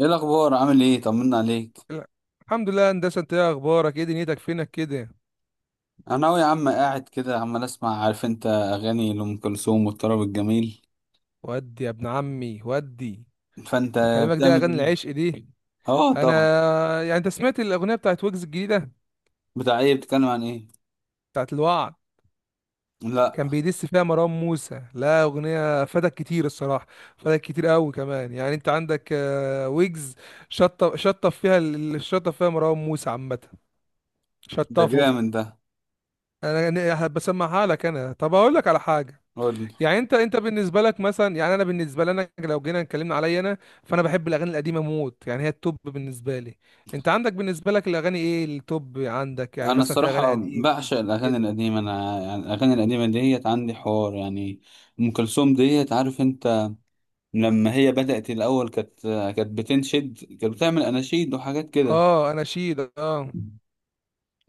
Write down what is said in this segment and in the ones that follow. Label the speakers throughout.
Speaker 1: ايه الاخبار؟ عامل ايه؟ طمنا عليك.
Speaker 2: لا. الحمد لله هندسه، انت ايه اخبارك؟ ايه دنيتك؟ فينك كده؟
Speaker 1: انا أهو يا عم، قاعد كده عمال اسمع، عارف انت، اغاني لام كلثوم والطرب الجميل.
Speaker 2: ودي يا ابن عمي ودي.
Speaker 1: فانت
Speaker 2: خلي بالك، دي
Speaker 1: بتعمل
Speaker 2: اغاني
Speaker 1: ايه؟
Speaker 2: العشق دي.
Speaker 1: اه،
Speaker 2: انا
Speaker 1: طبعا.
Speaker 2: يعني انت سمعت الاغنيه بتاعت ويجز الجديده؟
Speaker 1: بتاع ايه؟ بتتكلم عن ايه؟
Speaker 2: بتاعت الوعد.
Speaker 1: لا.
Speaker 2: كان بيدس فيها مروان موسى، لا اغنيه فادك كتير الصراحه. فادك كتير قوي كمان. يعني انت عندك ويجز. شطف فيها الشطف فيها مروان موسى عامه.
Speaker 1: ده
Speaker 2: شطفه.
Speaker 1: جامد ده.
Speaker 2: انا بسمعها لك. انا طب اقول لك على حاجه.
Speaker 1: قول لي.
Speaker 2: يعني انت بالنسبه لك مثلا، يعني انا بالنسبه لي، انا لو جينا اتكلمنا عليا انا، فانا بحب الاغاني القديمه موت، يعني هي التوب بالنسبه لي. انت عندك بالنسبه لك الاغاني ايه التوب عندك؟ يعني
Speaker 1: انا
Speaker 2: مثلا في اغاني
Speaker 1: الصراحه
Speaker 2: قديم
Speaker 1: بعشق
Speaker 2: جديد
Speaker 1: الاغاني
Speaker 2: كده.
Speaker 1: القديمه، انا يعني الاغاني القديمه ديت عندي حوار يعني. ام كلثوم ديت، عارف انت؟ لما هي بدات الاول كانت بتنشد، كانت بتعمل اناشيد وحاجات كده.
Speaker 2: اه انا شيد اه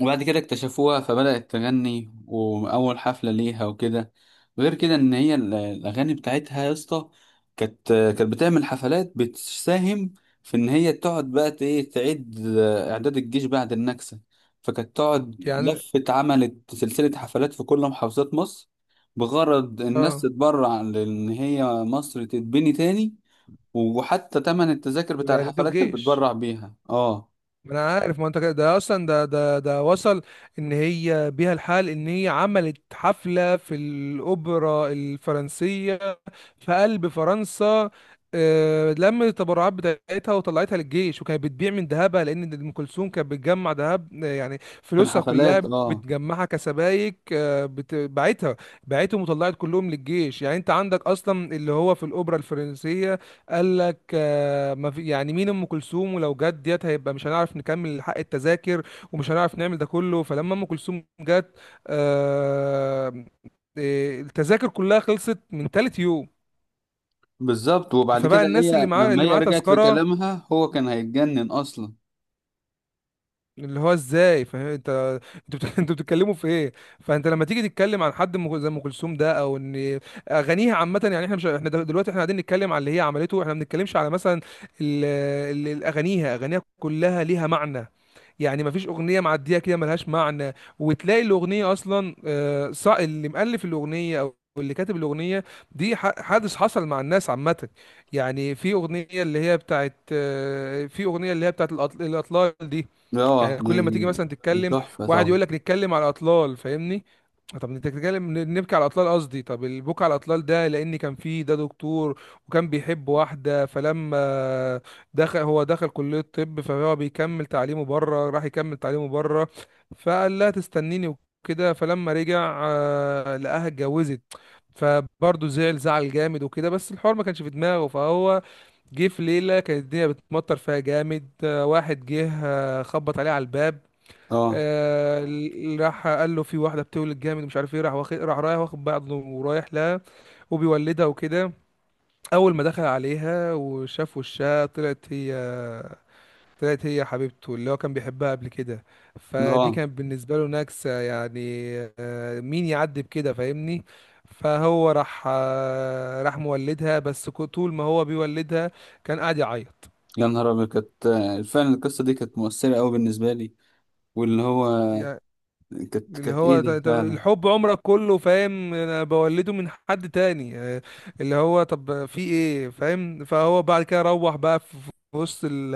Speaker 1: وبعد كده اكتشفوها، فبدأت تغني، وأول حفلة ليها وكده. غير كده إن هي الأغاني بتاعتها يا اسطى. كانت بتعمل حفلات، بتساهم في إن هي تقعد بقى ت- إيه تعيد إعداد الجيش بعد النكسة. فكانت تقعد
Speaker 2: يعني.
Speaker 1: لفت، عملت سلسلة حفلات في كل محافظات مصر. بغرض الناس
Speaker 2: اه
Speaker 1: تتبرع، لأن هي مصر تتبني تاني. وحتى تمن التذاكر بتاع
Speaker 2: والاعداد
Speaker 1: الحفلات كانت
Speaker 2: والجيش.
Speaker 1: بتبرع بيها. اه.
Speaker 2: ما انا عارف، ما انت كده، ده اصلا ده وصل ان هي بيها الحال ان هي عملت حفله في الاوبرا الفرنسيه، في قلب فرنسا. لمت التبرعات بتاعتها وطلعتها للجيش، وكانت بتبيع من ذهبها، لان ام كلثوم كانت بتجمع ذهب يعني
Speaker 1: في
Speaker 2: فلوسها
Speaker 1: الحفلات.
Speaker 2: كلها
Speaker 1: اه.
Speaker 2: بتجمعها كسبايك، باعتها. باعتهم وطلعت كلهم للجيش. يعني انت عندك اصلا اللي هو في الاوبرا الفرنسيه قال لك ما في يعني مين ام كلثوم، ولو جت ديت هيبقى مش هنعرف نكمل حق التذاكر ومش هنعرف نعمل ده كله. فلما ام كلثوم جت، آه، التذاكر كلها خلصت من تالت يوم.
Speaker 1: بالظبط. وبعد
Speaker 2: فبقى
Speaker 1: كده
Speaker 2: الناس اللي
Speaker 1: هي
Speaker 2: معاه
Speaker 1: لما
Speaker 2: اللي
Speaker 1: هي
Speaker 2: معاه
Speaker 1: رجعت في
Speaker 2: تذكره
Speaker 1: كلامها هو كان هيتجنن اصلا.
Speaker 2: اللي هو ازاي، فاهم انت؟ انتوا بتتكلموا في ايه؟ فانت لما تيجي تتكلم عن زي ام كلثوم ده، او ان اغانيها عامه، يعني احنا مش احنا دلوقتي احنا قاعدين نتكلم على اللي هي عملته، احنا ما بنتكلمش على مثلا ال- ال- الاغانيها اغانيها كلها ليها معنى، يعني ما فيش اغنيه معديه كده ملهاش معنى. وتلاقي الاغنيه اصلا اللي مؤلف الاغنيه او اللي كاتب الاغنيه دي حادث حصل مع الناس عامه. يعني في اغنيه اللي هي بتاعت آه، في اغنيه اللي هي بتاعت الاطلال دي،
Speaker 1: اه،
Speaker 2: يعني
Speaker 1: دي
Speaker 2: كل ما تيجي مثلا
Speaker 1: دي
Speaker 2: تتكلم،
Speaker 1: تحفه
Speaker 2: واحد
Speaker 1: طبعا.
Speaker 2: يقول لك نتكلم على الاطلال، فاهمني؟ طب انت بتتكلم، نبكي على الاطلال، قصدي طب البكا على الاطلال ده، لان كان فيه ده دكتور وكان بيحب واحده. فلما دخل، هو دخل كليه الطب، فهو بيكمل تعليمه بره، راح يكمل تعليمه بره، فقال لها تستنيني وكده. فلما رجع، لقاها اتجوزت. فبرضه زعل، زعل جامد وكده، بس الحوار ما كانش في دماغه. فهو جه في ليلة كانت الدنيا بتمطر فيها جامد، واحد جه خبط عليه على الباب،
Speaker 1: اه.
Speaker 2: راح قال له في واحدة بتولد جامد مش عارف ايه، راح واخد، راح رايح واخد بعضه ورايح لها، وبيولدها وكده. أول ما دخل عليها وشاف وشها، طلعت هي حبيبته اللي هو كان بيحبها قبل كده. فدي
Speaker 1: اه،
Speaker 2: كانت بالنسبة له نكسة يعني، مين يعدي بكده، فاهمني؟ فهو راح، راح مولدها، بس طول ما هو بيولدها كان قاعد يعيط.
Speaker 1: يا نهار ابيض. كانت فعلا القصه دي كانت مؤثره قوي بالنسبه لي. واللي هو كانت
Speaker 2: اللي
Speaker 1: كانت ايه
Speaker 2: هو
Speaker 1: ده
Speaker 2: طب
Speaker 1: فعلا.
Speaker 2: الحب عمرك كله، فاهم؟ انا بولده من حد تاني اللي هو طب في ايه، فاهم؟ فهو بعد كده روح بقى في وسط ال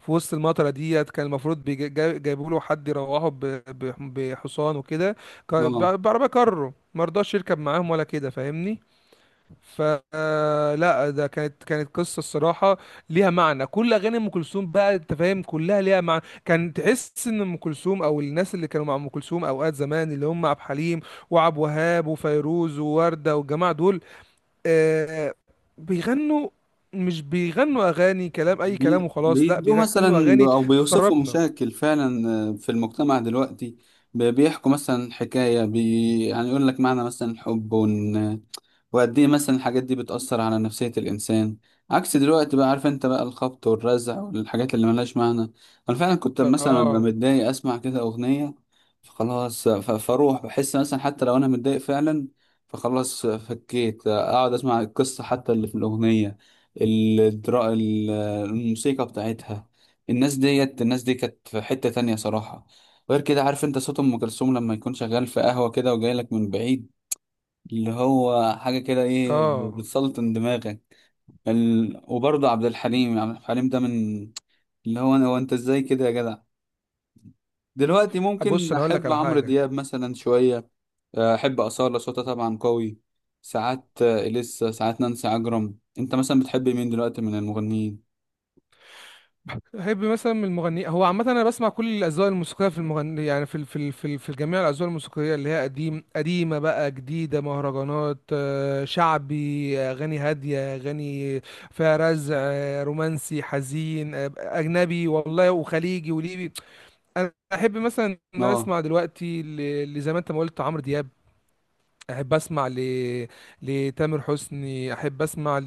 Speaker 2: في وسط المطره ديت. كان المفروض جايبوا له حد يروحه بحصان وكده،
Speaker 1: اه.
Speaker 2: بعربيه كارو، مرضاش يركب معاهم ولا كده، فاهمني؟ فلا ده كانت كانت قصه الصراحه ليها معنى. كل اغاني ام كلثوم بقى، انت فاهم، كلها ليها معنى. كان تحس ان ام كلثوم او الناس اللي كانوا مع ام كلثوم اوقات زمان، اللي هم عبد الحليم وعبد الوهاب وفيروز ووردة والجماعه دول، آه، بيغنوا، مش بيغنوا اغاني كلام اي كلام وخلاص، لا
Speaker 1: بيدوا
Speaker 2: بيغنوا
Speaker 1: مثلا
Speaker 2: اغاني
Speaker 1: او بيوصفوا
Speaker 2: تطربنا.
Speaker 1: مشاكل فعلا في المجتمع دلوقتي. بيحكوا مثلا حكايه بي. يعني يقول لك معنى مثلا الحب، وقد ايه مثلا الحاجات دي بتأثر على نفسية الإنسان. عكس دلوقتي بقى، عارف انت، بقى الخبط والرزع والحاجات اللي ملهاش معنى. انا فعلا كنت مثلا ببقى
Speaker 2: اه.
Speaker 1: متضايق، اسمع كده أغنية، فخلاص فاروح بحس مثلا حتى لو انا متضايق فعلا، فخلاص فكيت اقعد اسمع القصة حتى اللي في الأغنية. الدرا... ال- الموسيقى بتاعتها. الناس دي كانت في حتة تانية صراحة. غير كده، عارف انت، صوت ام كلثوم لما يكون شغال في قهوة كده وجاي لك من بعيد، اللي هو حاجة كده ايه،
Speaker 2: اه.
Speaker 1: بتسلطن دماغك. وبرضه عبد الحليم ده من اللي هو، انا هو، انت ازاي كده يا جدع. دلوقتي
Speaker 2: بص
Speaker 1: ممكن
Speaker 2: انا اقول لك
Speaker 1: احب
Speaker 2: على
Speaker 1: عمرو
Speaker 2: حاجه.
Speaker 1: دياب مثلا شوية، احب أصالة صوتها طبعا قوي ساعات، إليسا ساعات، نانسي عجرم. انت مثلا بتحب مين دلوقتي من المغنيين؟
Speaker 2: بحب مثلا من المغني هو عامة، أنا بسمع كل الأذواق الموسيقية في المغني، يعني في ال- في ال- في ال- في جميع الأذواق الموسيقية، اللي هي قديم، قديمة بقى، جديدة، مهرجانات، شعبي، أغاني هادية، أغاني فيها رزع، رومانسي، حزين، أجنبي والله، وخليجي وليبي. أنا أحب مثلا إن أنا
Speaker 1: اه،
Speaker 2: أسمع دلوقتي اللي زي ما أنت ما قلت، عمرو دياب. احب اسمع ل... لتامر حسني. احب اسمع ل...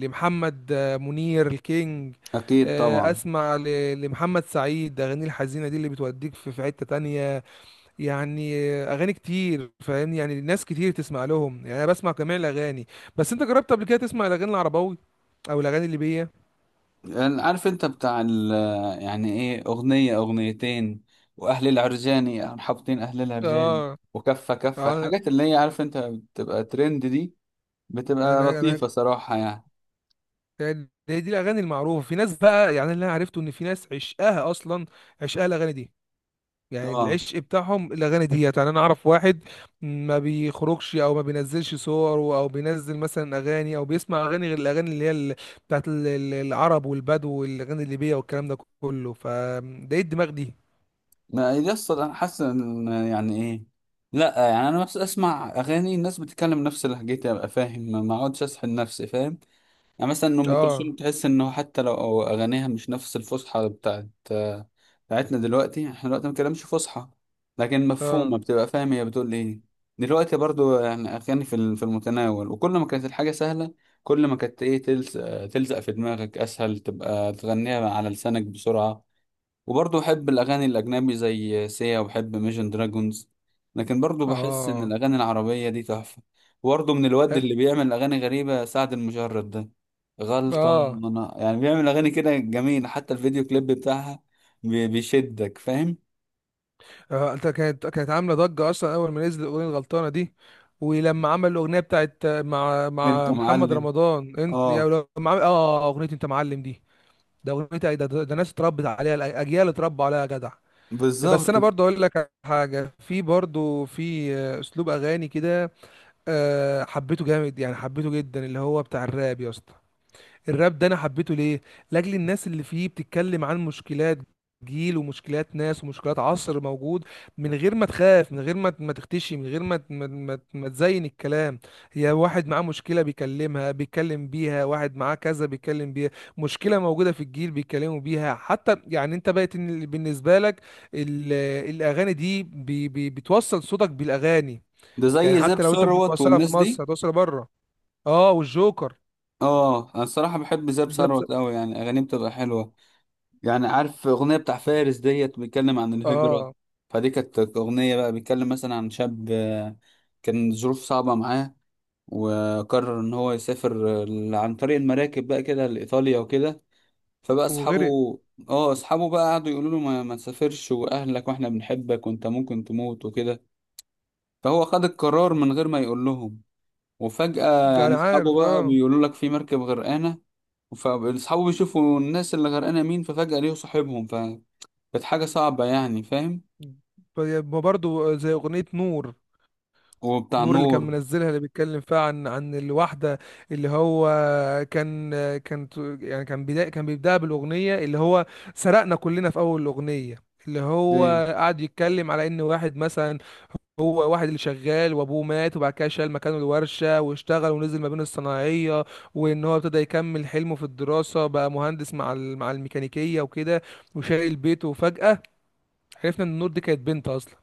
Speaker 2: لمحمد منير الكينج.
Speaker 1: اكيد طبعا.
Speaker 2: اسمع ل... لمحمد سعيد، اغاني الحزينه دي اللي بتوديك في حته تانية يعني. اغاني كتير، فاهمني؟ يعني ناس كتير تسمع لهم. يعني انا بسمع جميع الاغاني، بس انت جربت قبل كده تسمع الاغاني العربوي او الاغاني الليبيه؟
Speaker 1: يعني عارف انت بتاع ال، يعني ايه، اغنية اغنيتين، واهل العرجاني، يعني حاطين اهل العرجاني
Speaker 2: اه.
Speaker 1: وكفة كفة،
Speaker 2: اه.
Speaker 1: الحاجات اللي هي عارف انت بتبقى ترند دي، بتبقى
Speaker 2: انا
Speaker 1: لطيفة صراحة يعني.
Speaker 2: دي دي الاغاني المعروفه في ناس بقى. يعني اللي انا عرفته ان في ناس عشقاها اصلا، عشقاها الاغاني دي. يعني
Speaker 1: اه،
Speaker 2: العشق بتاعهم الاغاني ديت. يعني انا اعرف واحد ما بيخرجش او ما بينزلش صور، او بينزل مثلا اغاني، او بيسمع اغاني غير الاغاني اللي هي بتاعت العرب والبدو والاغاني الليبيه والكلام ده كله، فده ايه الدماغ دي؟
Speaker 1: ما يصل. انا حاسس ان يعني ايه، لا يعني انا بس اسمع اغاني الناس بتتكلم نفس لهجتي، ابقى فاهم، ما اقعدش اسحل نفسي فاهم. يعني مثلا ام كلثوم
Speaker 2: اه.
Speaker 1: تحس انه حتى لو اغانيها مش نفس الفصحى بتاعتنا دلوقتي. احنا دلوقتي ما بنتكلمش فصحى، لكن مفهومه،
Speaker 2: اه.
Speaker 1: بتبقى فاهم هي بتقول ايه. دلوقتي برضو يعني اغاني في المتناول، وكل ما كانت الحاجه سهله، كل ما كانت ايه، تلزق في دماغك اسهل، تبقى تغنيها على لسانك بسرعه. وبرضه بحب الأغاني الأجنبي زي سيا، وبحب ميجن دراجونز، لكن برضه بحس إن
Speaker 2: اه.
Speaker 1: الأغاني العربية دي تحفة. وبرضه من الواد اللي بيعمل أغاني غريبة، سعد المجرد ده، غلطة.
Speaker 2: اه.
Speaker 1: أنا يعني بيعمل أغاني كده جميلة، حتى الفيديو كليب بتاعها بيشدك فاهم.
Speaker 2: آه. انت كانت كانت عامله ضجه اصلا اول ما نزل الاغنيه الغلطانه دي. ولما عمل الاغنيه بتاعت مع
Speaker 1: أنت
Speaker 2: مع محمد
Speaker 1: معلم.
Speaker 2: رمضان انت يا...
Speaker 1: أه،
Speaker 2: لما عمل اه اغنيه انت معلم دي، ده اغنيه ايه ده ناس اتربت عليها اجيال اتربوا عليها يا جدع. بس
Speaker 1: بالظبط.
Speaker 2: انا برضه اقول لك على حاجه، في برضه اسلوب اغاني كده حبيته جامد، يعني حبيته جدا، اللي هو بتاع الراب يا اسطى. الراب ده انا حبيته ليه؟ لاجل الناس اللي فيه بتتكلم عن مشكلات جيل، ومشكلات ناس، ومشكلات عصر موجود، من غير ما تخاف، من غير ما تختشي، من غير ما تزين الكلام. هي واحد معاه مشكلة بيكلمها، بيتكلم بيها، واحد معاه كذا بيتكلم بيها. مشكلة موجودة في الجيل بيتكلموا بيها، حتى يعني انت بقت إن بالنسبة لك ال- الاغاني دي بي بي بتوصل صوتك بالاغاني.
Speaker 1: ده زي
Speaker 2: يعني
Speaker 1: زاب
Speaker 2: حتى لو انت مش
Speaker 1: ثروت
Speaker 2: بتوصلها في
Speaker 1: والناس دي.
Speaker 2: مصر هتوصلها بره. اه والجوكر.
Speaker 1: أه، أنا الصراحة بحب زاب
Speaker 2: ده بس-
Speaker 1: ثروت أوي، يعني أغانيه بتبقى حلوة. يعني عارف أغنية بتاع فارس ديت، بيتكلم عن الهجرة.
Speaker 2: اه.
Speaker 1: فدي كانت أغنية بقى بيتكلم مثلا عن شاب كان ظروف صعبة معاه، وقرر إن هو يسافر عن طريق المراكب بقى كده لإيطاليا وكده. فبقى أصحابه،
Speaker 2: وغرق.
Speaker 1: اه، أصحابه بقى قعدوا يقولوا له: ما تسافرش وأهلك وإحنا بنحبك وأنت ممكن تموت وكده. فهو خد القرار من غير ما يقول لهم. وفجأة يعني
Speaker 2: انا
Speaker 1: أصحابه
Speaker 2: عارف
Speaker 1: بقى
Speaker 2: اه.
Speaker 1: بيقولوا لك في مركب غرقانة، فأصحابه بيشوفوا الناس اللي غرقانة مين، ففجأة ليه صاحبهم. كانت حاجة صعبة يعني، فاهم؟
Speaker 2: ما برضو زي اغنية نور.
Speaker 1: وبتاع
Speaker 2: نور اللي
Speaker 1: نور
Speaker 2: كان منزلها، اللي بيتكلم فيها عن الواحدة اللي هو كان يعني كان بدا، كان بيبدأها بالأغنية اللي هو سرقنا كلنا في أول الأغنية، اللي
Speaker 1: دي،
Speaker 2: هو قعد يتكلم على إن واحد مثلا، هو واحد اللي شغال وأبوه مات، وبعد كده شال مكانه الورشة واشتغل ونزل ما بين الصناعية، وإن هو ابتدى يكمل حلمه في الدراسة، بقى مهندس مع الميكانيكية وكده، وشايل بيته، وفجأة عرفنا ان النور دي كانت بنت اصلا.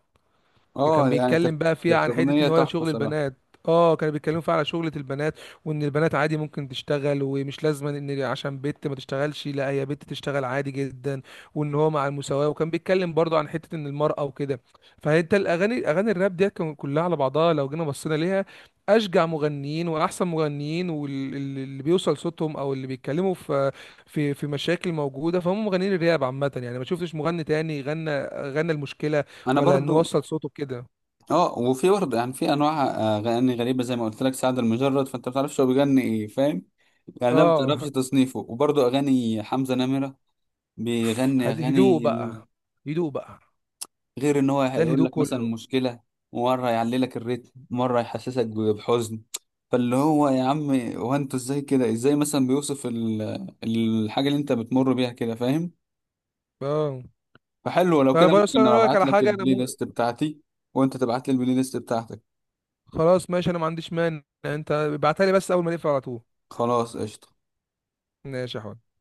Speaker 2: كان
Speaker 1: اه يعني كانت،
Speaker 2: بيتكلم بقى فيها
Speaker 1: كانت
Speaker 2: عن حته
Speaker 1: أغنية
Speaker 2: ان هو
Speaker 1: تحفة
Speaker 2: شغل
Speaker 1: صراحة.
Speaker 2: البنات. اه كانوا بيتكلموا فيها على شغلة البنات، وان البنات عادي ممكن تشتغل، ومش لازم ان عشان بنت ما تشتغلش، لا هي بنت تشتغل عادي جدا، وان هو مع المساواة، وكان بيتكلم برضه عن حتة ان المرأة وكده. فانت الاغاني، اغاني الراب دي، كان كلها على بعضها لو جينا بصينا ليها، اشجع مغنيين واحسن مغنيين واللي بيوصل صوتهم، او اللي بيتكلموا في مشاكل موجودة، فهم مغنيين الراب عامة. يعني ما شفتش مغني تاني غنى، غنى المشكلة
Speaker 1: أنا
Speaker 2: ولا
Speaker 1: برضو.
Speaker 2: نوصل صوته كده.
Speaker 1: اه، وفي برضه يعني في أنواع أغاني غريبة، زي ما قلت لك سعد المجرد، فأنت ما بتعرفش هو بيغني إيه فاهم. يعني ده ما
Speaker 2: اه.
Speaker 1: بتعرفش تصنيفه. وبرضه أغاني حمزة نمرة، بيغني
Speaker 2: هدوء
Speaker 1: أغاني
Speaker 2: بقى، هدوء بقى.
Speaker 1: غير إن هو
Speaker 2: ده
Speaker 1: هيقول
Speaker 2: الهدوء
Speaker 1: لك مثلا
Speaker 2: كله.
Speaker 1: مشكلة، مرة يعلي لك الريتم، مرة يحسسك بحزن، فاللي هو يا عم، هو انتوا ازاي كده، ازاي مثلا بيوصف الحاجة اللي انت بتمر بيها كده، فاهم؟
Speaker 2: اه.
Speaker 1: فحلو لو كده،
Speaker 2: فبس
Speaker 1: ممكن
Speaker 2: انا اقول لك
Speaker 1: ابعت
Speaker 2: على
Speaker 1: لك
Speaker 2: حاجه، انا
Speaker 1: البلاي
Speaker 2: مو...
Speaker 1: ليست بتاعتي وانت تبعت لي البلاي ليست بتاعتك.
Speaker 2: خلاص ماشي، انا ما عنديش مانع، انت ابعتها لي بس اول ما نقفل على طول.
Speaker 1: خلاص قشطة.
Speaker 2: ماشي يا حبيبي.